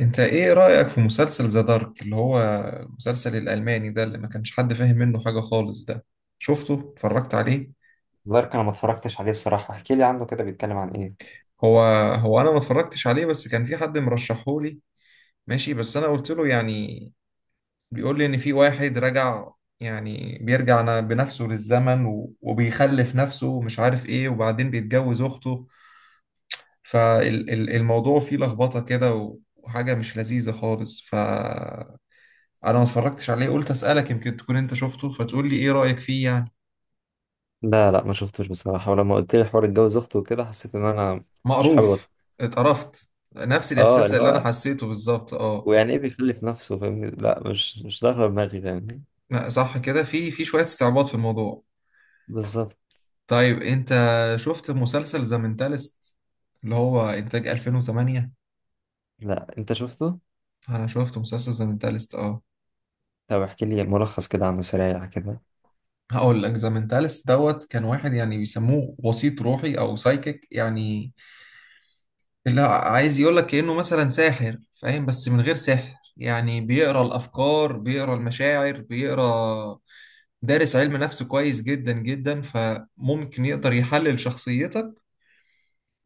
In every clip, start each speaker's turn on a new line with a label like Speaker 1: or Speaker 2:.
Speaker 1: انت ايه رأيك في مسلسل ذا دارك اللي هو المسلسل الألماني ده اللي ما كانش حد فاهم منه حاجة خالص ده؟ شفته؟ اتفرجت عليه؟
Speaker 2: دارك، انا ما اتفرجتش عليه بصراحة. احكي لي عنه كده، بيتكلم عن ايه؟
Speaker 1: هو هو انا ما اتفرجتش عليه، بس كان في حد مرشحهولي. ماشي، بس انا قلت له يعني بيقول لي ان في واحد رجع، يعني بيرجع بنفسه للزمن وبيخلف نفسه ومش عارف ايه، وبعدين بيتجوز اخته. فالموضوع فيه لخبطة كده وحاجة مش لذيذة خالص. انا ما اتفرجتش عليه، قلت اسالك يمكن تكون انت شفته فتقول لي ايه رايك فيه يعني.
Speaker 2: لا لا، ما شفتوش بصراحة. ولما قلت لي حوار اتجوز اخته وكده، حسيت ان انا مش حابب
Speaker 1: مقروف.
Speaker 2: ادخل.
Speaker 1: اتقرفت. نفس
Speaker 2: اه،
Speaker 1: الاحساس
Speaker 2: اللي
Speaker 1: اللي انا
Speaker 2: هو
Speaker 1: حسيته بالظبط. اه.
Speaker 2: ويعني ايه بيخلف نفسه؟ فاهمني؟ لا، مش داخله دماغي، فاهمني.
Speaker 1: لا، صح كده، في شويه استعباط في الموضوع.
Speaker 2: بالظبط.
Speaker 1: طيب انت شفت مسلسل ذا مينتالست اللي هو انتاج 2008؟
Speaker 2: لا، انت شفته؟
Speaker 1: انا شفت مسلسل ذا مينتالست، اه.
Speaker 2: طب احكي لي ملخص كده عنه سريع كده.
Speaker 1: هقول لك، ذا مينتالست دوت، كان واحد يعني بيسموه وسيط روحي او سايكيك يعني، لا عايز يقول لك كأنه مثلا ساحر فاهم، بس من غير سحر، يعني بيقرا الافكار، بيقرا المشاعر، بيقرا دارس علم نفس كويس جدا جدا، فممكن يقدر يحلل شخصيتك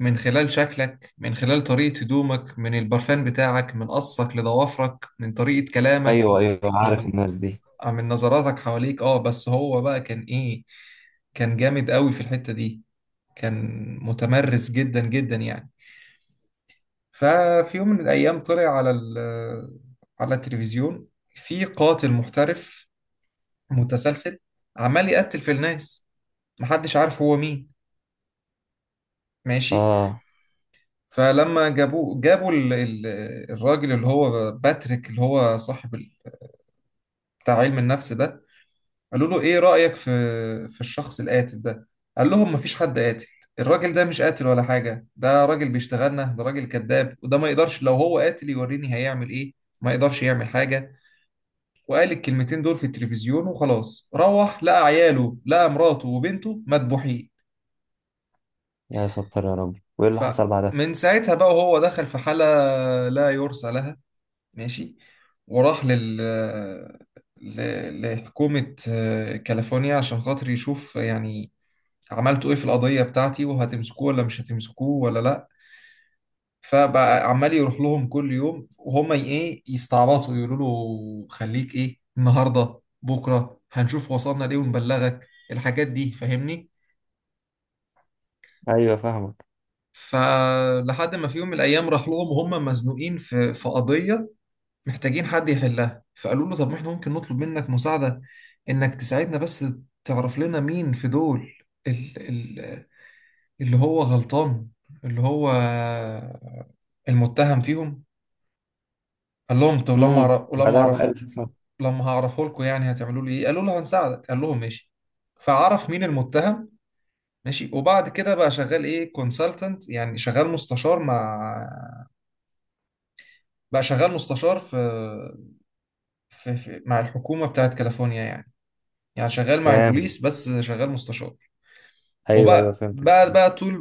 Speaker 1: من خلال شكلك، من خلال طريقة هدومك، من البرفان بتاعك، من قصك لضوافرك، من طريقة كلامك،
Speaker 2: ايوه، ايوه، عارف
Speaker 1: من
Speaker 2: الناس دي.
Speaker 1: من نظراتك حواليك. اه، بس هو بقى كان ايه، كان جامد قوي في الحتة دي، كان متمرس جدا جدا يعني. ففي يوم من الأيام طلع على ال على التلفزيون، في قاتل محترف متسلسل عمال يقتل في الناس، محدش عارف هو مين. ماشي.
Speaker 2: اه.
Speaker 1: فلما جابوه، جابوا الراجل اللي هو باتريك، اللي هو صاحب بتاع علم النفس ده، قالوا له ايه رأيك في في الشخص القاتل ده؟ قال لهم مفيش حد قاتل، الراجل ده مش قاتل ولا حاجة، ده راجل بيشتغلنا، ده راجل كذاب، وده ما يقدرش، لو هو قاتل يوريني هيعمل ايه، ما يقدرش يعمل حاجة. وقال الكلمتين دول في التلفزيون وخلاص، روح لقى عياله، لقى مراته وبنته مدبوحين.
Speaker 2: يا ستر يا رب، وايه اللي حصل بعدها؟
Speaker 1: فمن ساعتها بقى وهو دخل في حالة لا يرثى لها. ماشي. وراح لحكومة كاليفورنيا عشان خاطر يشوف يعني عملتوا ايه في القضية بتاعتي، وهتمسكوه ولا مش هتمسكوه ولا لا. فبقى عمال يروح لهم كل يوم، وهم ايه يستعبطوا يقولوا له خليك ايه، النهارده بكره هنشوف وصلنا ليه ونبلغك الحاجات دي، فاهمني.
Speaker 2: ايوه، فاهمك.
Speaker 1: فلحد ما في يوم من الايام راح لهم وهم مزنوقين في في قضيه، محتاجين حد يحلها، فقالوا له طب ما احنا ممكن نطلب منك مساعده، انك تساعدنا، بس تعرف لنا مين في دول ال- ال- اللي هو غلطان، اللي هو المتهم فيهم. قال لهم طب لما أعرف- ولما
Speaker 2: بعدها بقى
Speaker 1: اعرف،
Speaker 2: إيه اللي حصل؟
Speaker 1: لما هعرفه لكم يعني هتعملوا لي ايه؟ قالوا له هنساعدك. قال لهم ماشي. فعرف مين المتهم. ماشي. وبعد كده بقى شغال ايه، كونسلتنت، يعني شغال مستشار مع، بقى شغال مستشار في... مع الحكومة بتاعت كاليفورنيا يعني. يعني شغال مع
Speaker 2: فاهم.
Speaker 1: البوليس، بس شغال مستشار.
Speaker 2: ايوه، ايوه،
Speaker 1: وبقى
Speaker 2: فهمت.
Speaker 1: بقى بقى طول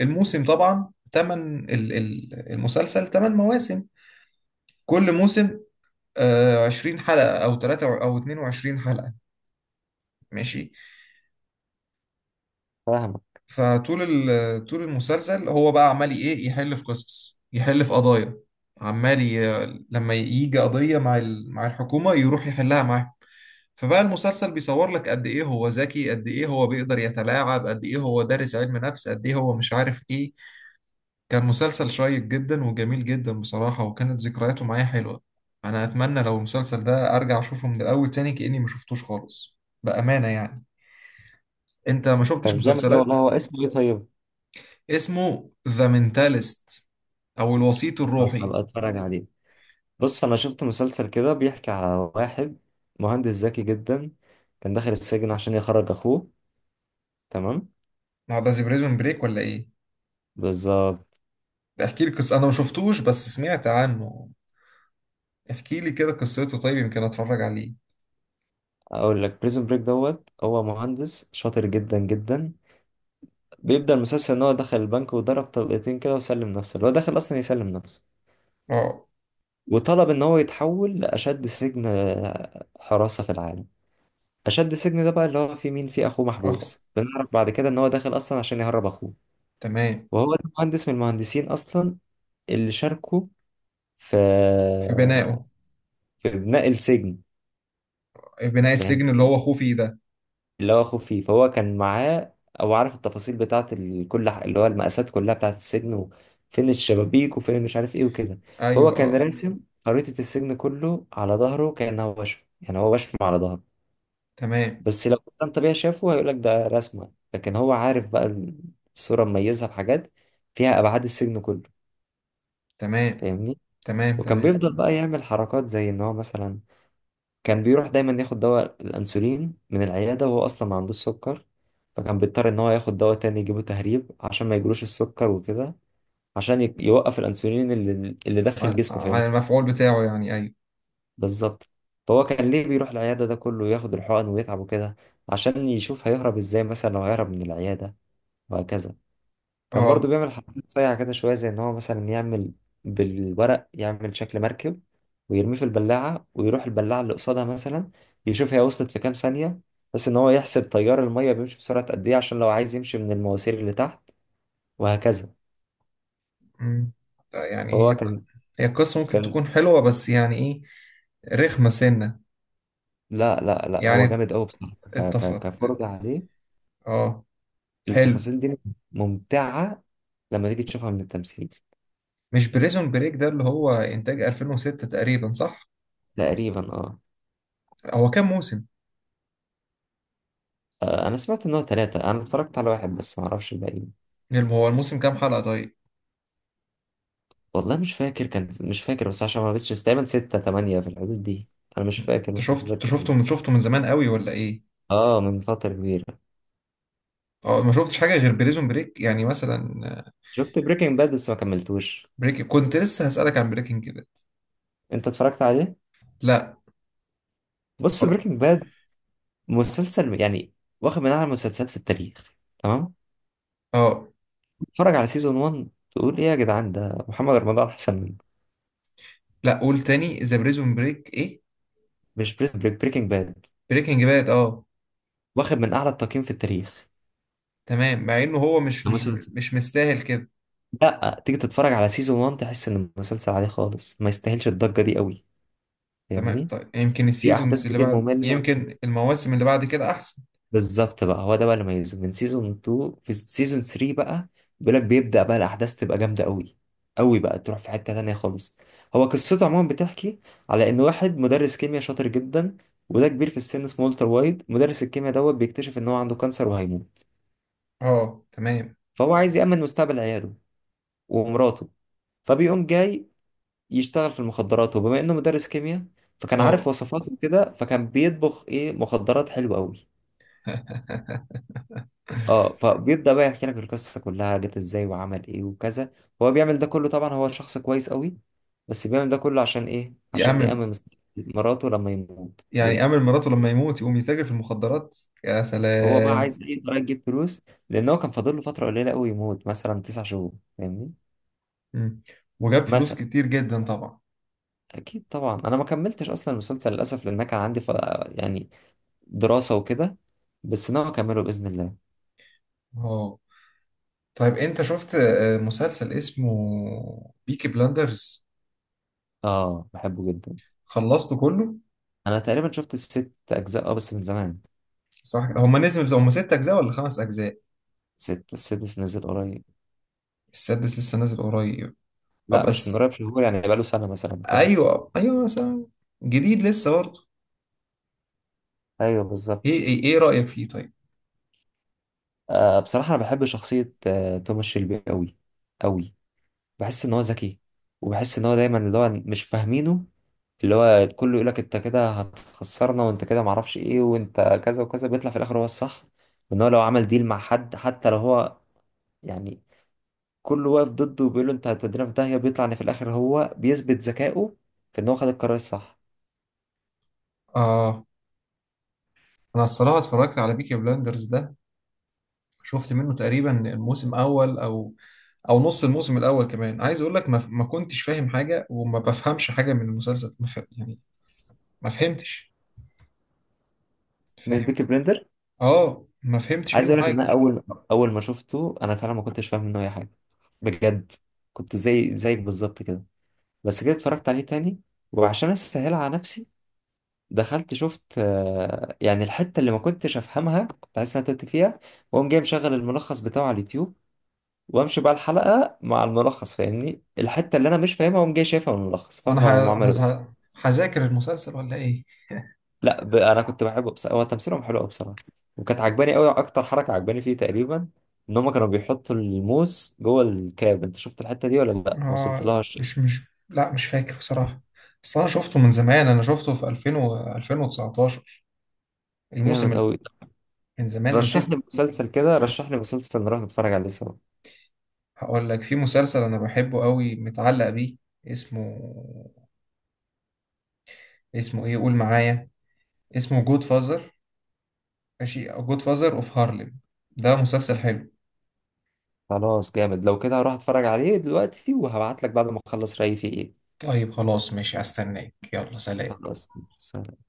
Speaker 1: الموسم، طبعا تمن المسلسل تمن مواسم، كل موسم 20 حلقة أو 3 أو 22 حلقة. ماشي.
Speaker 2: فاهمك.
Speaker 1: فطول طول المسلسل هو بقى عمال ايه، يحل في قصص، يحل في قضايا، عمال ي... لما يجي قضية مع مع الحكومة يروح يحلها معاه. فبقى المسلسل بيصور لك قد ايه هو ذكي، قد ايه هو بيقدر يتلاعب، قد ايه هو دارس علم نفس، قد ايه هو مش عارف ايه. كان مسلسل شيق جدا وجميل جدا بصراحة، وكانت ذكرياته معايا حلوة. انا اتمنى لو المسلسل ده ارجع اشوفه من الاول تاني كأني ما شفتوش خالص، بأمانة يعني. انت ما شفتش
Speaker 2: طب جامد أوي والله.
Speaker 1: مسلسلات؟
Speaker 2: هو اسمه ايه طيب؟
Speaker 1: اسمه ذا مينتاليست او الوسيط
Speaker 2: خلاص،
Speaker 1: الروحي.
Speaker 2: هبقى اتفرج عليه. بص، انا شفت مسلسل كده بيحكي على واحد مهندس ذكي جدا، كان داخل السجن عشان يخرج اخوه. تمام.
Speaker 1: هو ده زي بريزون بريك ولا ايه؟
Speaker 2: بالظبط.
Speaker 1: ده احكي لي قصة، انا ما شفتوش بس سمعت عنه، احكي لي كده قصته، طيب يمكن اتفرج عليه.
Speaker 2: اقول لك، بريزون بريك دوت هو مهندس شاطر جدا جدا. بيبدأ المسلسل ان هو دخل البنك وضرب طلقتين كده وسلم نفسه، اللي هو داخل اصلا يسلم نفسه.
Speaker 1: اه.
Speaker 2: وطلب ان هو يتحول لاشد سجن حراسة في العالم. اشد السجن ده بقى اللي هو فيه مين؟ فيه اخوه
Speaker 1: اه،
Speaker 2: محبوس. بنعرف بعد كده ان هو داخل اصلا عشان يهرب اخوه.
Speaker 1: تمام.
Speaker 2: وهو ده مهندس من المهندسين اصلا اللي شاركوا في
Speaker 1: في بنائه.
Speaker 2: بناء السجن.
Speaker 1: في بناء
Speaker 2: فاهم.
Speaker 1: السجن اللي هو اخوه فيه ده.
Speaker 2: اللي هو اخوه فيه، فهو كان معاه او عارف التفاصيل بتاعه، اللي هو المقاسات كلها بتاعه السجن وفين الشبابيك وفين مش عارف ايه وكده.
Speaker 1: ايوه،
Speaker 2: فهو كان
Speaker 1: اه.
Speaker 2: راسم خريطة السجن كله على ظهره، كأنه هو وشم، يعني هو وشم على ظهره.
Speaker 1: تمام
Speaker 2: بس لو كان طبيعي شافه هيقولك ده رسمة، لكن هو عارف بقى الصورة مميزها بحاجات فيها أبعاد السجن كله.
Speaker 1: تمام.
Speaker 2: فاهمني.
Speaker 1: تمام
Speaker 2: وكان
Speaker 1: تمام.
Speaker 2: بيفضل بقى يعمل حركات زي إن هو مثلا كان بيروح دايما ياخد دواء الأنسولين من العيادة، وهو أصلا ما عندوش سكر. فكان بيضطر إن هو ياخد دواء تاني يجيبه تهريب، عشان ما يجيلوش السكر وكده، عشان يوقف الأنسولين اللي داخل
Speaker 1: عن
Speaker 2: جسمه،
Speaker 1: عن
Speaker 2: فاهم.
Speaker 1: المفعول بتاعه يعني، ايوه.
Speaker 2: بالظبط. فهو كان ليه بيروح العيادة ده كله، ياخد الحقن ويتعب وكده؟ عشان يشوف هيهرب إزاي مثلا لو هيهرب من العيادة، وهكذا. كان برضو
Speaker 1: اه.
Speaker 2: بيعمل حركات صايعة كده شوية، زي إن هو مثلا يعمل بالورق يعمل شكل مركب، ويرميه في البلاعة ويروح البلاعة اللي قصادها مثلا يشوف هي وصلت في كام ثانية، بس إن هو يحسب تيار المية بيمشي بسرعة قد إيه عشان لو عايز يمشي من المواسير اللي تحت، وهكذا.
Speaker 1: أمم. ده يعني
Speaker 2: هو
Speaker 1: هي ق-،
Speaker 2: كان
Speaker 1: القصة ممكن
Speaker 2: كان
Speaker 1: تكون حلوة، بس يعني ايه، رخمة سنة
Speaker 2: لا لا لا، هو
Speaker 1: يعني.
Speaker 2: جامد أوي بصراحة
Speaker 1: اتفق.
Speaker 2: كفرجة عليه.
Speaker 1: اه. حلو.
Speaker 2: التفاصيل دي ممتعة لما تيجي تشوفها من التمثيل.
Speaker 1: مش بريزون بريك ده اللي هو انتاج 2006 تقريبا، صح؟
Speaker 2: تقريبا، اه.
Speaker 1: هو كام موسم؟
Speaker 2: أنا سمعت إن هو 3. أنا اتفرجت على واحد بس، معرفش الباقيين.
Speaker 1: هو الموسم كام حلقة طيب؟
Speaker 2: والله مش فاكر، كان مش فاكر بس عشان ما بس تقريبا ستة تمانية في الحدود دي. أنا مش فاكر، مش
Speaker 1: انت
Speaker 2: متذكر.
Speaker 1: شفته من، من زمان قوي ولا ايه؟
Speaker 2: اه، من فترة كبيرة.
Speaker 1: اه. ما شفتش حاجة غير بريزون بريك يعني مثلا؟
Speaker 2: شفت بريكنج باد بس ما كملتوش.
Speaker 1: كنت لسه هسألك عن بريكنج باد.
Speaker 2: أنت اتفرجت عليه؟
Speaker 1: لا.
Speaker 2: بص،
Speaker 1: اتفرج.
Speaker 2: بريكنج باد مسلسل يعني واخد من أعلى المسلسلات في التاريخ، تمام؟
Speaker 1: اه.
Speaker 2: اتفرج على سيزون 1، تقول إيه يا جدعان، ده محمد رمضان أحسن منه.
Speaker 1: لا، قول تاني، ذا بريزون بريك ايه؟
Speaker 2: مش بريكنج باد
Speaker 1: بريكنج باد، اه.
Speaker 2: واخد من أعلى التقييم في التاريخ؟
Speaker 1: تمام، مع انه هو
Speaker 2: ده مسلسل.
Speaker 1: مش مستاهل كده.
Speaker 2: لا، تيجي تتفرج على سيزون 1 تحس إن المسلسل عادي خالص، ما يستاهلش الضجة دي قوي،
Speaker 1: تمام،
Speaker 2: فاهمني؟
Speaker 1: طيب يمكن
Speaker 2: في أحداث
Speaker 1: السيزونز اللي
Speaker 2: كتير
Speaker 1: بعد،
Speaker 2: مملة.
Speaker 1: يمكن المواسم اللي بعد كده احسن.
Speaker 2: بالظبط، بقى هو ده بقى اللي ميزه. من سيزون 2 في سيزون 3 بقى بيقول لك بيبدأ بقى الأحداث تبقى جامدة قوي، قوي بقى، تروح في حتة تانية خالص. هو قصته عموما بتحكي على إن واحد مدرس كيمياء شاطر جدا، وده كبير في السن، اسمه والتر وايت، مدرس الكيمياء دوت. بيكتشف إن هو عنده كانسر وهيموت،
Speaker 1: اه، تمام.
Speaker 2: فهو عايز يأمن مستقبل عياله ومراته، فبيقوم جاي يشتغل في المخدرات. وبما إنه مدرس كيمياء، فكان عارف
Speaker 1: فهو
Speaker 2: وصفاته كده، فكان بيطبخ إيه، مخدرات حلوة قوي. اه، فبيبدأ بقى يحكي لك القصة كلها جت ازاي وعمل ايه وكذا. هو بيعمل ده كله طبعا، هو شخص كويس قوي، بس بيعمل ده كله عشان ايه؟
Speaker 1: يا
Speaker 2: عشان
Speaker 1: عم،
Speaker 2: يأمن مستقبل مراته لما يموت.
Speaker 1: يعني آمر مراته لما يموت يقوم يتاجر في المخدرات؟ يا
Speaker 2: وهو بقى
Speaker 1: سلام.
Speaker 2: عايز ايه؟ يقدر يجيب فلوس، لان هو كان فاضل له فترة قليلة قوي يموت، مثلا 9 شهور، فاهمني.
Speaker 1: مم. وجاب فلوس
Speaker 2: مثلا
Speaker 1: كتير جدا طبعا.
Speaker 2: اكيد طبعا، انا ما كملتش اصلا المسلسل للاسف، لان أنا كان عندي يعني دراسة وكده، بس ناوي اكمله باذن الله.
Speaker 1: اه، طيب انت شفت مسلسل اسمه بيكي بلاندرز؟
Speaker 2: اه، بحبه جدا.
Speaker 1: خلصته كله؟
Speaker 2: انا تقريبا شفت الست اجزاء، اه، بس من زمان.
Speaker 1: صح، هما نزلوا هما ست اجزاء ولا خمس اجزاء؟
Speaker 2: ست السادس نزل قريب.
Speaker 1: السادس لسه نازل قريب؟
Speaker 2: لا، مش من
Speaker 1: بس
Speaker 2: قريب، شهور يعني، بقاله سنة مثلا كده.
Speaker 1: ايوه ايوه، مثلا جديد لسه برضه.
Speaker 2: ايوه بالظبط.
Speaker 1: ايه ايه، إيه رأيك فيه طيب؟
Speaker 2: بصراحة انا بحب شخصية توماس شيلبي قوي قوي. بحس ان هو ذكي، وبحس ان هو دايما اللي هو مش فاهمينه. اللي هو كله يقولك انت كده هتخسرنا، وانت كده معرفش ايه، وانت كذا وكذا، بيطلع في الاخر هو الصح. وان هو لو عمل ديل مع حد، حتى لو هو يعني كله واقف ضده، وبيقول له انت هتودينا في داهية، بيطلع ان في الاخر هو بيثبت ذكائه في ان هو خد القرار الصح.
Speaker 1: اه. انا الصراحة اتفرجت على بيكي بلاندرز ده، شفت منه تقريبا الموسم الاول او نص الموسم الاول كمان، عايز اقول لك ما كنتش فاهم حاجه، وما بفهمش حاجه من المسلسل، ما فهم يعني، ما فهمتش،
Speaker 2: من
Speaker 1: فاهم.
Speaker 2: بيكي بلندر.
Speaker 1: اه، ما فهمتش
Speaker 2: عايز
Speaker 1: منه
Speaker 2: اقول لك ان انا
Speaker 1: حاجه.
Speaker 2: اول ما شفته انا فعلا ما كنتش فاهم منه اي حاجه، بجد. كنت زي زيك بالظبط كده. بس كده اتفرجت عليه تاني، وعشان اسهلها على نفسي، دخلت شفت يعني الحته اللي ما كنتش افهمها، كنت عايز انا توت فيها، واقوم جاي مشغل الملخص بتاعه على اليوتيوب، وامشي بقى الحلقه مع الملخص، فاهمني؟ الحته اللي انا مش فاهمها واقوم جاي شايفها من الملخص، فاهم
Speaker 1: انا
Speaker 2: هم عملوا.
Speaker 1: هذاكر المسلسل ولا ايه؟
Speaker 2: لا انا كنت بحبه بس هو تمثيلهم حلو قوي بصراحه. وكانت عجباني قوي اكتر حركه عجباني فيه تقريبا، ان هم كانوا بيحطوا الموس جوه الكاب. انت شفت الحته دي ولا لا، ما وصلت
Speaker 1: اه،
Speaker 2: لهاش؟
Speaker 1: مش مش، لا مش فاكر بصراحه. بس انا شفته من زمان، انا شفته في 2000 و 2019، الموسم
Speaker 2: جامد
Speaker 1: ال-
Speaker 2: قوي.
Speaker 1: من زمان أنا
Speaker 2: رشح لي
Speaker 1: نسيت.
Speaker 2: مسلسل كده، رشح لي مسلسل نروح نتفرج عليه سوا.
Speaker 1: هقول لك في مسلسل انا بحبه قوي، متعلق بيه، اسمه، اسمه ايه؟ قول معايا. اسمه جود فازر، ماشي، جود فازر اوف هارلم. ده مسلسل حلو.
Speaker 2: خلاص، جامد، لو كده هروح اتفرج عليه دلوقتي، وهبعت لك بعد ما اخلص رايي فيه ايه.
Speaker 1: طيب خلاص ماشي، هستناك، يلا سلام.
Speaker 2: خلاص، سلام.